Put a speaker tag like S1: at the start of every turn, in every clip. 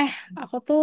S1: Eh, aku tuh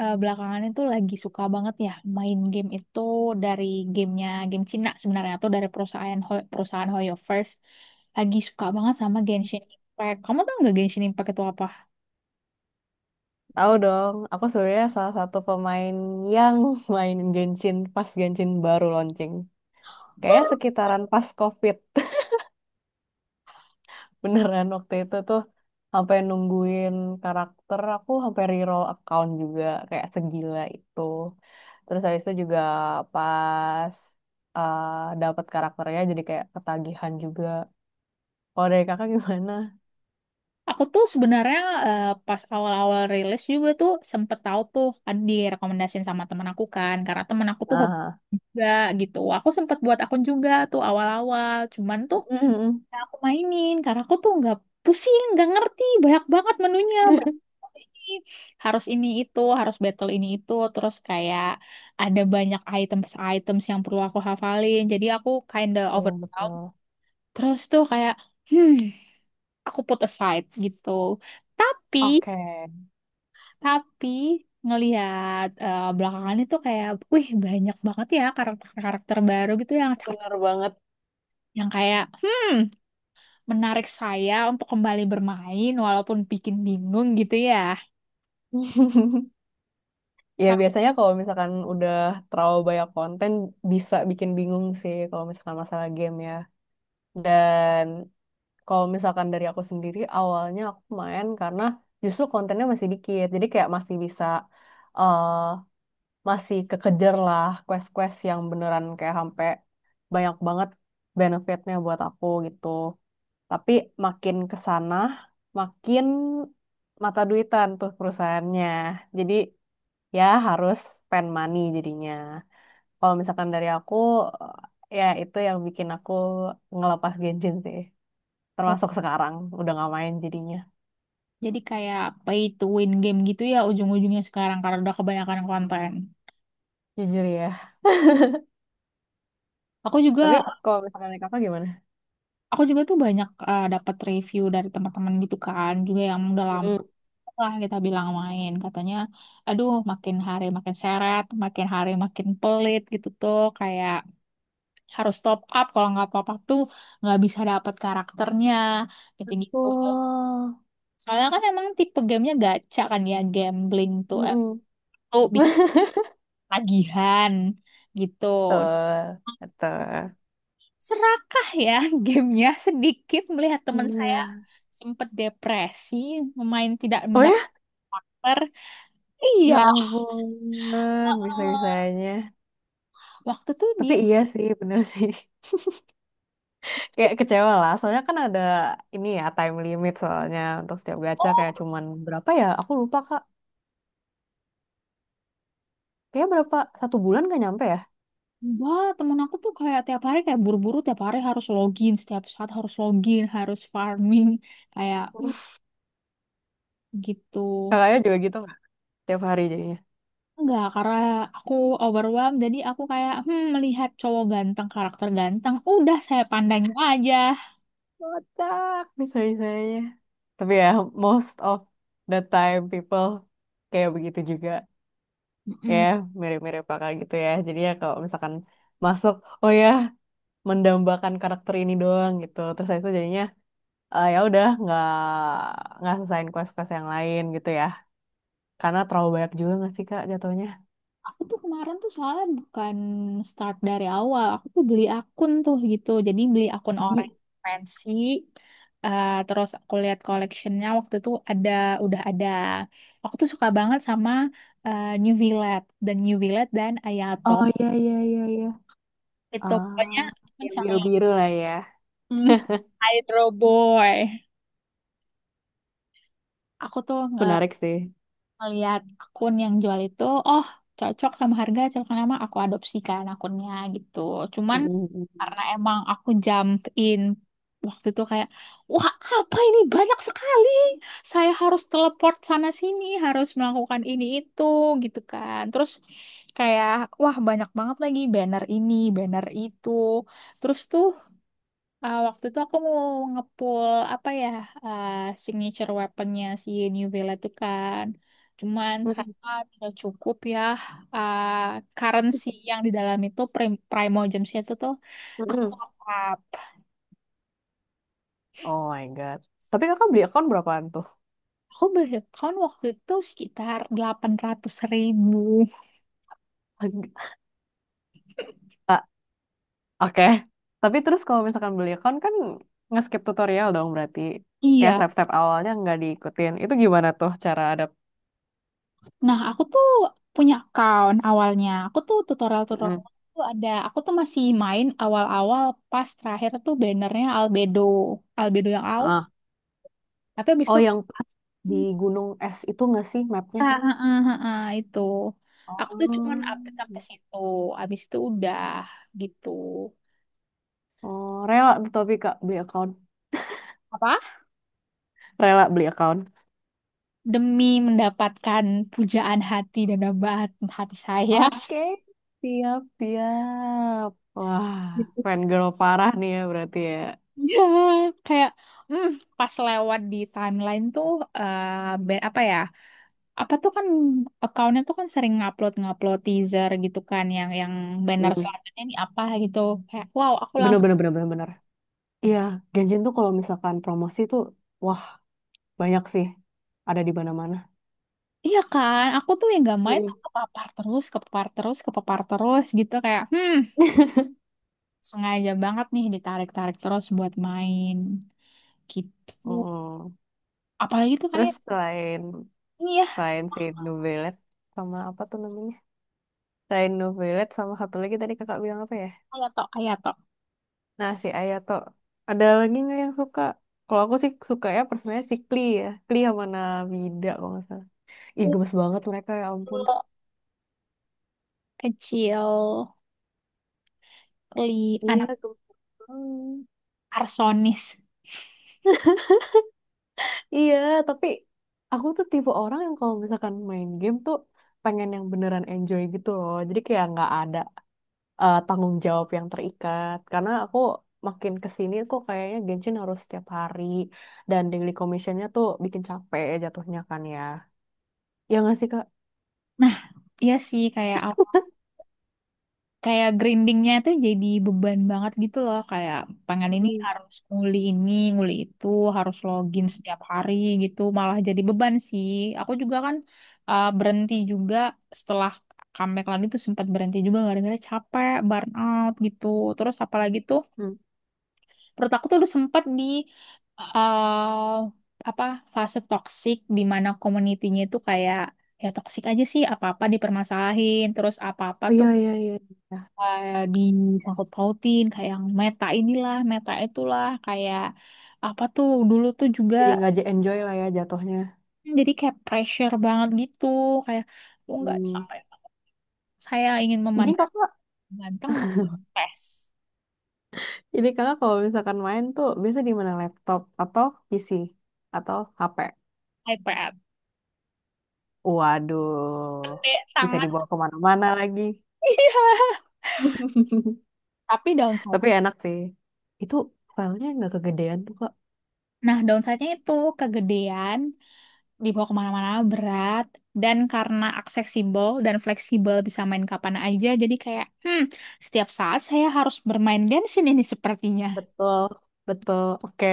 S1: belakangan itu lagi suka banget ya main game itu dari gamenya game Cina sebenarnya atau dari perusahaan perusahaan Hoyo First. Lagi suka banget sama Genshin Impact. Kamu tau nggak Genshin Impact itu apa?
S2: Tahu dong, aku sebenarnya salah satu pemain yang main Genshin pas Genshin baru launching. Kayaknya sekitaran pas COVID. Beneran waktu itu tuh sampai nungguin karakter, aku sampai reroll account juga kayak segila itu. Terus habis itu juga pas eh, dapat karakternya jadi kayak ketagihan juga. Kalau dari kakak gimana?
S1: Aku tuh sebenarnya pas awal-awal rilis juga tuh sempet tahu tuh ada direkomendasiin sama teman aku kan karena teman aku tuh hobi
S2: Nah,
S1: juga gitu. Aku sempet buat akun juga tuh awal-awal. Cuman tuh. Nah, aku mainin karena aku tuh nggak pusing, nggak ngerti banyak banget menunya. Banyak banget ini harus ini itu, harus battle ini itu, terus kayak ada banyak items-items yang perlu aku hafalin. Jadi aku kinda
S2: betul,
S1: overwhelmed.
S2: betul.
S1: Terus tuh kayak hmm, aku put aside gitu. Tapi
S2: Oke,
S1: tapi ngelihat belakangan itu kayak, wih banyak banget ya karakter-karakter baru gitu yang cakep,
S2: bener banget.
S1: yang kayak menarik saya untuk kembali bermain walaupun bikin bingung gitu ya.
S2: Ya
S1: Tapi
S2: biasanya kalau misalkan udah terlalu banyak konten bisa bikin bingung sih kalau misalkan masalah game ya. Dan kalau misalkan dari aku sendiri awalnya aku main karena justru kontennya masih dikit. Jadi kayak masih bisa eh masih kekejar lah quest-quest yang beneran kayak sampai banyak banget benefitnya buat aku gitu. Tapi makin ke sana makin mata duitan tuh perusahaannya. Jadi ya harus spend money jadinya. Kalau misalkan dari aku, ya itu yang bikin aku ngelepas Genshin sih. Termasuk sekarang, udah gak main jadinya.
S1: jadi kayak pay to win game gitu ya ujung-ujungnya sekarang karena udah kebanyakan konten.
S2: Jujur ya.
S1: Aku juga
S2: Tapi kalau misalkan dari kakak gimana?
S1: aku juga tuh banyak dapat review dari teman-teman gitu kan, juga yang udah lama
S2: Mm-mm.
S1: lah kita bilang main katanya aduh makin hari makin seret makin hari makin pelit gitu tuh kayak harus top up kalau nggak top up tuh nggak bisa dapat karakternya gitu gitu
S2: Oh,
S1: Soalnya kan emang tipe gamenya gacha kan ya, gambling tuh.
S2: mm-mm.
S1: Tuh bikin tagihan gitu.
S2: Betul, betul.
S1: Serakah ya gamenya sedikit melihat teman saya
S2: Iya.
S1: sempat depresi, memain tidak
S2: Oh ya?
S1: mendapat partner.
S2: Ya
S1: Iya,
S2: ampun, bisa-bisanya.
S1: waktu tuh
S2: Tapi
S1: dia.
S2: iya sih, bener sih. Kayak kecewa lah, soalnya kan ada ini ya, time limit soalnya untuk setiap gacha kayak
S1: Oh,
S2: cuman berapa ya, aku lupa Kak, kayak berapa satu bulan gak nyampe ya.
S1: enggak, temen aku tuh kayak tiap hari kayak buru-buru tiap hari harus login, setiap saat harus login, harus farming kayak gitu.
S2: Kakaknya juga gitu nggak setiap hari jadinya.
S1: Enggak, karena aku overwhelmed, jadi aku kayak melihat cowok ganteng, karakter ganteng, udah saya pandangin aja.
S2: Kocak misalnya, tapi ya most of the time people kayak begitu juga ya,
S1: Mm-mm.
S2: mirip-mirip kakak gitu ya, jadi ya kalau misalkan masuk, oh ya, mendambakan karakter ini doang gitu terus saya itu jadinya ya udah nggak selesain quest-quest yang lain gitu ya. Karena terlalu banyak juga nggak sih Kak jatuhnya?
S1: Aku tuh kemarin tuh soalnya bukan start dari awal, aku tuh beli akun tuh gitu, jadi beli akun
S2: Jadi,
S1: orang fancy, terus aku lihat collectionnya waktu itu ada, udah ada. Aku tuh suka banget sama New Villette dan Ayato.
S2: oh iya iya iya iya.
S1: Itu pokoknya
S2: Ah, yang
S1: mencari
S2: biru-biru lah ya.
S1: hmm, Hydro Boy. Aku tuh
S2: Menarik sih.
S1: melihat akun yang jual itu, oh cocok sama harga, cocok sama aku adopsikan akunnya gitu.
S2: Mm,
S1: Cuman
S2: mm,
S1: karena
S2: mm.
S1: emang aku jump in waktu itu kayak, wah apa ini banyak sekali. Saya harus teleport sana sini, harus melakukan ini itu gitu kan. Terus kayak, wah banyak banget lagi banner ini, banner itu. Terus tuh. Ah, waktu itu aku mau ngepull apa ya ah, signature weaponnya si New Vela itu kan. Cuman
S2: Mm,
S1: ternyata tidak cukup ya ah, currency yang di dalam itu Primo Gems itu tuh
S2: mm,
S1: aku
S2: mm.
S1: top up.
S2: Oh my God. Tapi kakak beli account berapaan tuh?
S1: Aku beli account waktu itu sekitar 800.000.
S2: Ah, oke. Tapi terus kalau misalkan beli account kan nge-skip tutorial dong berarti. Kayak
S1: Iya.
S2: step-step awalnya nggak diikutin. Itu gimana tuh cara ada...
S1: Nah, aku tuh punya account awalnya. Aku tuh tutorial-tutorial
S2: Mm.
S1: tuh ada. Aku tuh masih main awal-awal pas terakhir tuh bannernya Albedo. Albedo yang.
S2: Ah.
S1: Tapi abis
S2: Oh
S1: itu,
S2: yang pas di Gunung Es itu nggak sih mapnya?
S1: itu. Aku tuh cuman
S2: Oh.
S1: update sampai situ. Abis itu udah gitu.
S2: Oh, rela tuh tapi Kak beli account.
S1: Apa?
S2: Rela beli account.
S1: Demi mendapatkan pujaan hati dan dambaan hati saya.
S2: Oke, siap-siap. Wah,
S1: Gitu.
S2: fangirl parah nih ya berarti ya.
S1: Ya, kayak hmm, pas lewat di timeline tuh eh, apa ya? Apa tuh kan accountnya tuh kan sering ngupload ngupload teaser gitu kan yang banner
S2: Hmm.
S1: selanjutnya ini apa gitu. Kayak wow, aku
S2: Bener,
S1: langsung
S2: bener, bener, bener, bener. Iya,
S1: gitu.
S2: Genjin tuh kalau misalkan promosi tuh, wah banyak sih. Ada di mana-mana.
S1: Iya kan, aku tuh yang gak main
S2: Mm-mm.
S1: tuh kepapar terus, kepapar terus, kepapar terus gitu kayak, sengaja banget nih ditarik-tarik terus buat main gitu.
S2: Mm-mm.
S1: Apalagi tuh
S2: Terus
S1: kayak ini ya,
S2: selain si New Ballet, sama apa tuh namanya? Selain New Ballet, sama satu lagi tadi kakak bilang apa ya?
S1: Hayato, Hayato.
S2: Nah, si Ayato. Ada lagi nggak yang suka? Kalau aku sih suka ya personanya si Klee ya. Klee sama Nabida kalau nggak salah. Ih,
S1: Itu
S2: gemes banget mereka ya ampun.
S1: kecil, li
S2: Iya,
S1: anak
S2: gemes banget.
S1: arsonis.
S2: Iya, tapi aku tuh tipe orang yang kalau misalkan main game tuh pengen yang beneran enjoy gitu loh. Jadi kayak nggak ada tanggung jawab yang terikat. Karena aku makin kesini kok kayaknya Genshin harus setiap hari dan daily commissionnya tuh bikin capek ya jatuhnya kan ya. Ya nggak sih Kak?
S1: Nah, iya sih kayak kayak grindingnya tuh jadi beban banget gitu loh kayak pengen ini
S2: Mm.
S1: harus nguli ini nguli itu harus login setiap hari gitu malah jadi beban sih aku juga kan berhenti juga setelah comeback lagi tuh sempat berhenti juga gara-gara capek burn out gitu terus apalagi tuh
S2: Hmm.
S1: menurut aku tuh udah sempat di uh, apa fase toksik di mana community-nya itu kayak ya toksik aja sih apa-apa dipermasalahin terus apa-apa
S2: Oh,
S1: tuh
S2: iya, iya, iya. Ya,
S1: eh, disangkut pautin kayak yang meta inilah meta itulah kayak apa tuh dulu tuh juga
S2: jadi nggak enjoy lah ya jatuhnya.
S1: jadi kayak pressure banget gitu kayak lu nggak
S2: Hmm.
S1: saya ingin
S2: Jadi
S1: memandang
S2: kakak
S1: ganteng maka tes
S2: Jadi kakak kalau misalkan main tuh biasa di mana, laptop atau PC atau HP?
S1: iPad
S2: Waduh,
S1: gede
S2: bisa
S1: sangat.
S2: dibawa kemana-mana lagi.
S1: Iya tapi downside,
S2: Tapi enak sih. Itu filenya nggak kegedean tuh Kak.
S1: nah downside-nya itu kegedean dibawa kemana-mana berat dan karena aksesibel dan fleksibel bisa main kapan aja jadi kayak setiap saat saya harus bermain Genshin ini sepertinya.
S2: Betul, betul. Oke,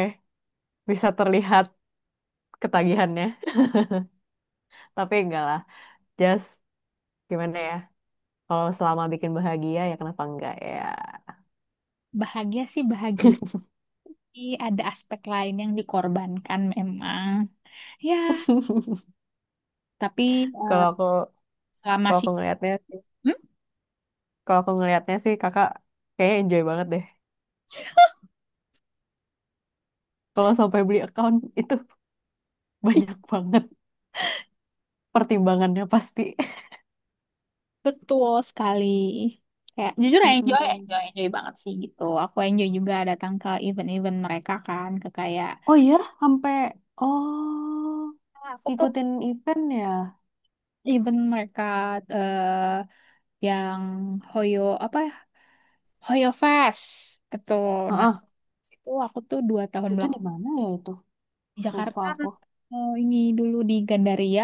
S2: bisa terlihat ketagihannya. Tapi enggak lah. Just gimana ya? Kalau selama bikin bahagia ya kenapa enggak ya?
S1: Bahagia sih bahagia, tapi ada aspek lain yang dikorbankan memang. Ya, tapi eh,
S2: Kalau aku
S1: selama
S2: kalau
S1: sih.
S2: aku ngelihatnya sih,
S1: Hmm,
S2: Kalau aku ngelihatnya sih kakak kayaknya enjoy banget deh. Kalau sampai beli account itu banyak banget pertimbangannya pasti.
S1: betul sekali. Kayak jujur ya, enjoy, enjoy,
S2: Mm-mm.
S1: enjoy banget sih gitu. Aku enjoy juga datang ke event-event mereka kan, ke kayak.
S2: Oh iya, sampai oh
S1: Ah, aku tuh
S2: ngikutin event ya.
S1: event mereka eh yang Hoyo apa ya? Hoyo Fest gitu. Nah,
S2: Heeh.
S1: itu aku tuh 2 tahun.
S2: Itu di mana ya itu?
S1: Di
S2: Lupa
S1: Jakarta,
S2: aku.
S1: oh, ini dulu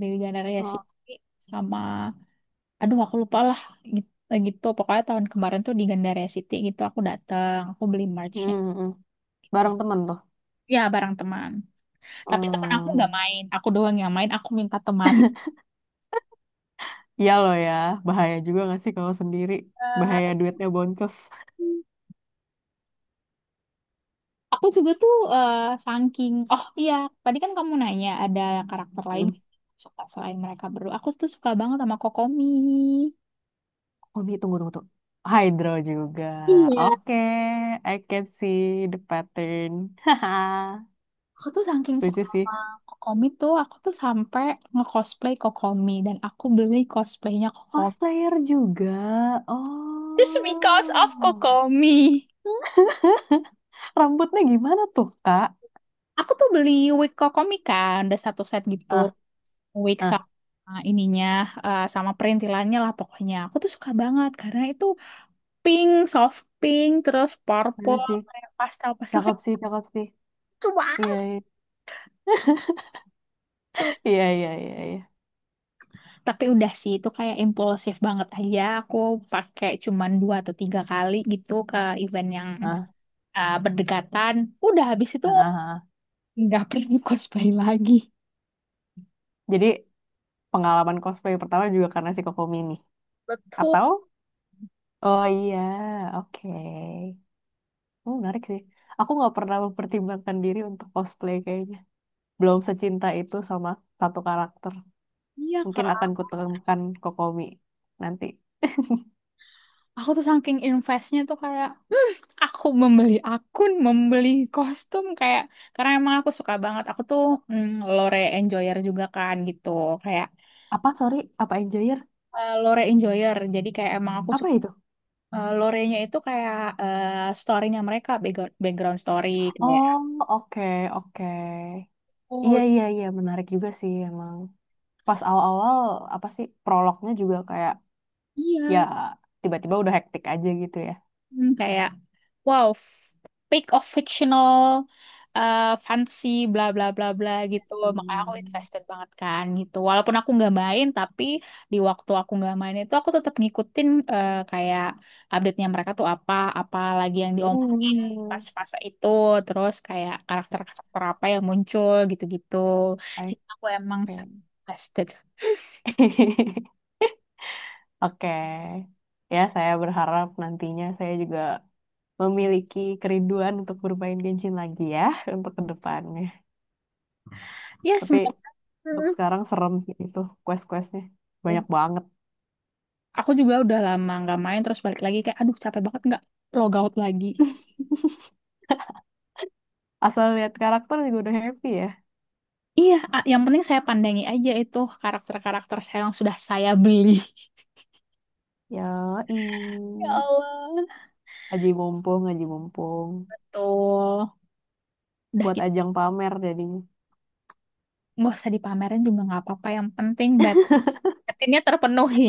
S1: di Gandaria
S2: Heeh.
S1: City sama aduh aku lupa lah gitu, gitu. Pokoknya tahun kemarin tuh di Gandaria City gitu aku datang, aku beli
S2: Mm,
S1: merch-nya
S2: mm.
S1: gitu.
S2: Bareng temen tuh.
S1: Ya barang teman. Tapi teman aku nggak
S2: Hmm.
S1: main, aku doang yang main, aku minta teman.
S2: Iya loh ya, bahaya juga gak sih kalau sendiri? Bahaya
S1: Eh,
S2: duitnya boncos.
S1: Aku juga tuh saking oh iya tadi kan kamu nanya ada karakter lain yang
S2: Hmm.
S1: suka selain mereka berdua. Aku tuh suka banget sama Kokomi.
S2: Oh nih, tunggu, tunggu, tunggu. Hydro juga.
S1: Iya,
S2: Oke, I can see the pattern. Haha,
S1: aku tuh saking suka
S2: lucu
S1: sama
S2: sih.
S1: Kokomi tuh, aku tuh sampai nge-cosplay Kokomi dan aku beli cosplaynya Kokomi.
S2: Cosplayer juga.
S1: Just because of
S2: Oh.
S1: Kokomi.
S2: Rambutnya gimana tuh, Kak?
S1: Aku tuh beli wig Kokomi kan, ada satu set gitu,
S2: Ah,
S1: wig
S2: ah,
S1: sama ininya, sama perintilannya lah pokoknya. Aku tuh suka banget karena itu pink, soft pink, terus
S2: keren
S1: purple,
S2: sih.
S1: kayak pastel-pastel
S2: Cakep
S1: kayak
S2: sih, cakep sih.
S1: lucu
S2: Iya,
S1: banget
S2: iya,
S1: tuh.
S2: iya, iya, iya. Iya.
S1: Tapi udah sih, itu kayak impulsif banget aja. Aku pakai cuman 2 atau 3 kali gitu ke event yang
S2: Ah,
S1: berdekatan. Udah habis itu
S2: ah, ah, ah.
S1: nggak perlu cosplay lagi.
S2: Jadi pengalaman cosplay pertama juga karena si Kokomi ini.
S1: Betul.
S2: Atau? Oh iya, oke. Oh, menarik sih. Aku nggak pernah mempertimbangkan diri untuk cosplay kayaknya. Belum secinta itu sama satu karakter.
S1: Iya
S2: Mungkin akan
S1: kak,
S2: kutemukan Kokomi nanti.
S1: aku tuh saking investnya tuh kayak aku membeli akun, membeli kostum kayak karena emang aku suka banget. Aku tuh mm, lore enjoyer juga kan gitu, kayak
S2: Apa, sorry, apa Enjoyer?
S1: lore enjoyer. Jadi kayak emang aku
S2: Apa
S1: suka
S2: itu?
S1: lore-nya itu kayak eh, story-nya mereka, background background story kayak
S2: Oh, oke, oke. Iya,
S1: oh
S2: iya, iya, menarik juga sih emang. Pas awal-awal, apa sih, prolognya juga kayak, ya,
S1: iya.
S2: tiba-tiba udah hektik aja gitu ya.
S1: Hmm, kayak wow, pick of fictional, fantasy, bla bla bla bla gitu. Makanya aku
S2: Hmm.
S1: invested banget kan gitu. Walaupun aku nggak main, tapi di waktu aku nggak main itu aku tetap ngikutin kayak update-nya mereka tuh apa, apa lagi yang diomongin
S2: Hmm.
S1: pas fase itu, terus kayak karakter-karakter apa yang muncul gitu-gitu.
S2: Oke.
S1: Jadi aku emang invested.
S2: Oke. Ya, saya berharap nantinya saya juga memiliki kerinduan untuk bermain Genshin lagi ya, untuk kedepannya.
S1: Ya
S2: Tapi
S1: semoga.
S2: untuk
S1: Mm-mm.
S2: sekarang serem sih itu quest-questnya. Banyak banget.
S1: Aku juga udah lama nggak main terus balik lagi kayak aduh capek banget nggak logout lagi.
S2: Asal lihat karakter juga udah happy ya.
S1: Iya, yang penting saya pandangi aja itu karakter-karakter saya yang sudah saya beli.
S2: Ya,
S1: Ya Allah.
S2: aji mumpung, aji mumpung.
S1: Tuh, udah
S2: Buat
S1: gitu.
S2: ajang pamer jadinya.
S1: Nggak usah dipamerin juga nggak apa-apa. Yang penting batinnya terpenuhi.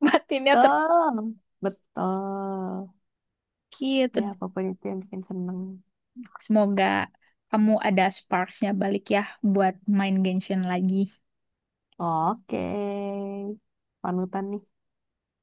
S1: Batinnya ter...
S2: Betul. Betul. Ya,
S1: Gitu.
S2: apapun itu yang bikin seneng.
S1: Semoga kamu ada sparks-nya balik ya buat main Genshin lagi.
S2: Oke. Panutan nih.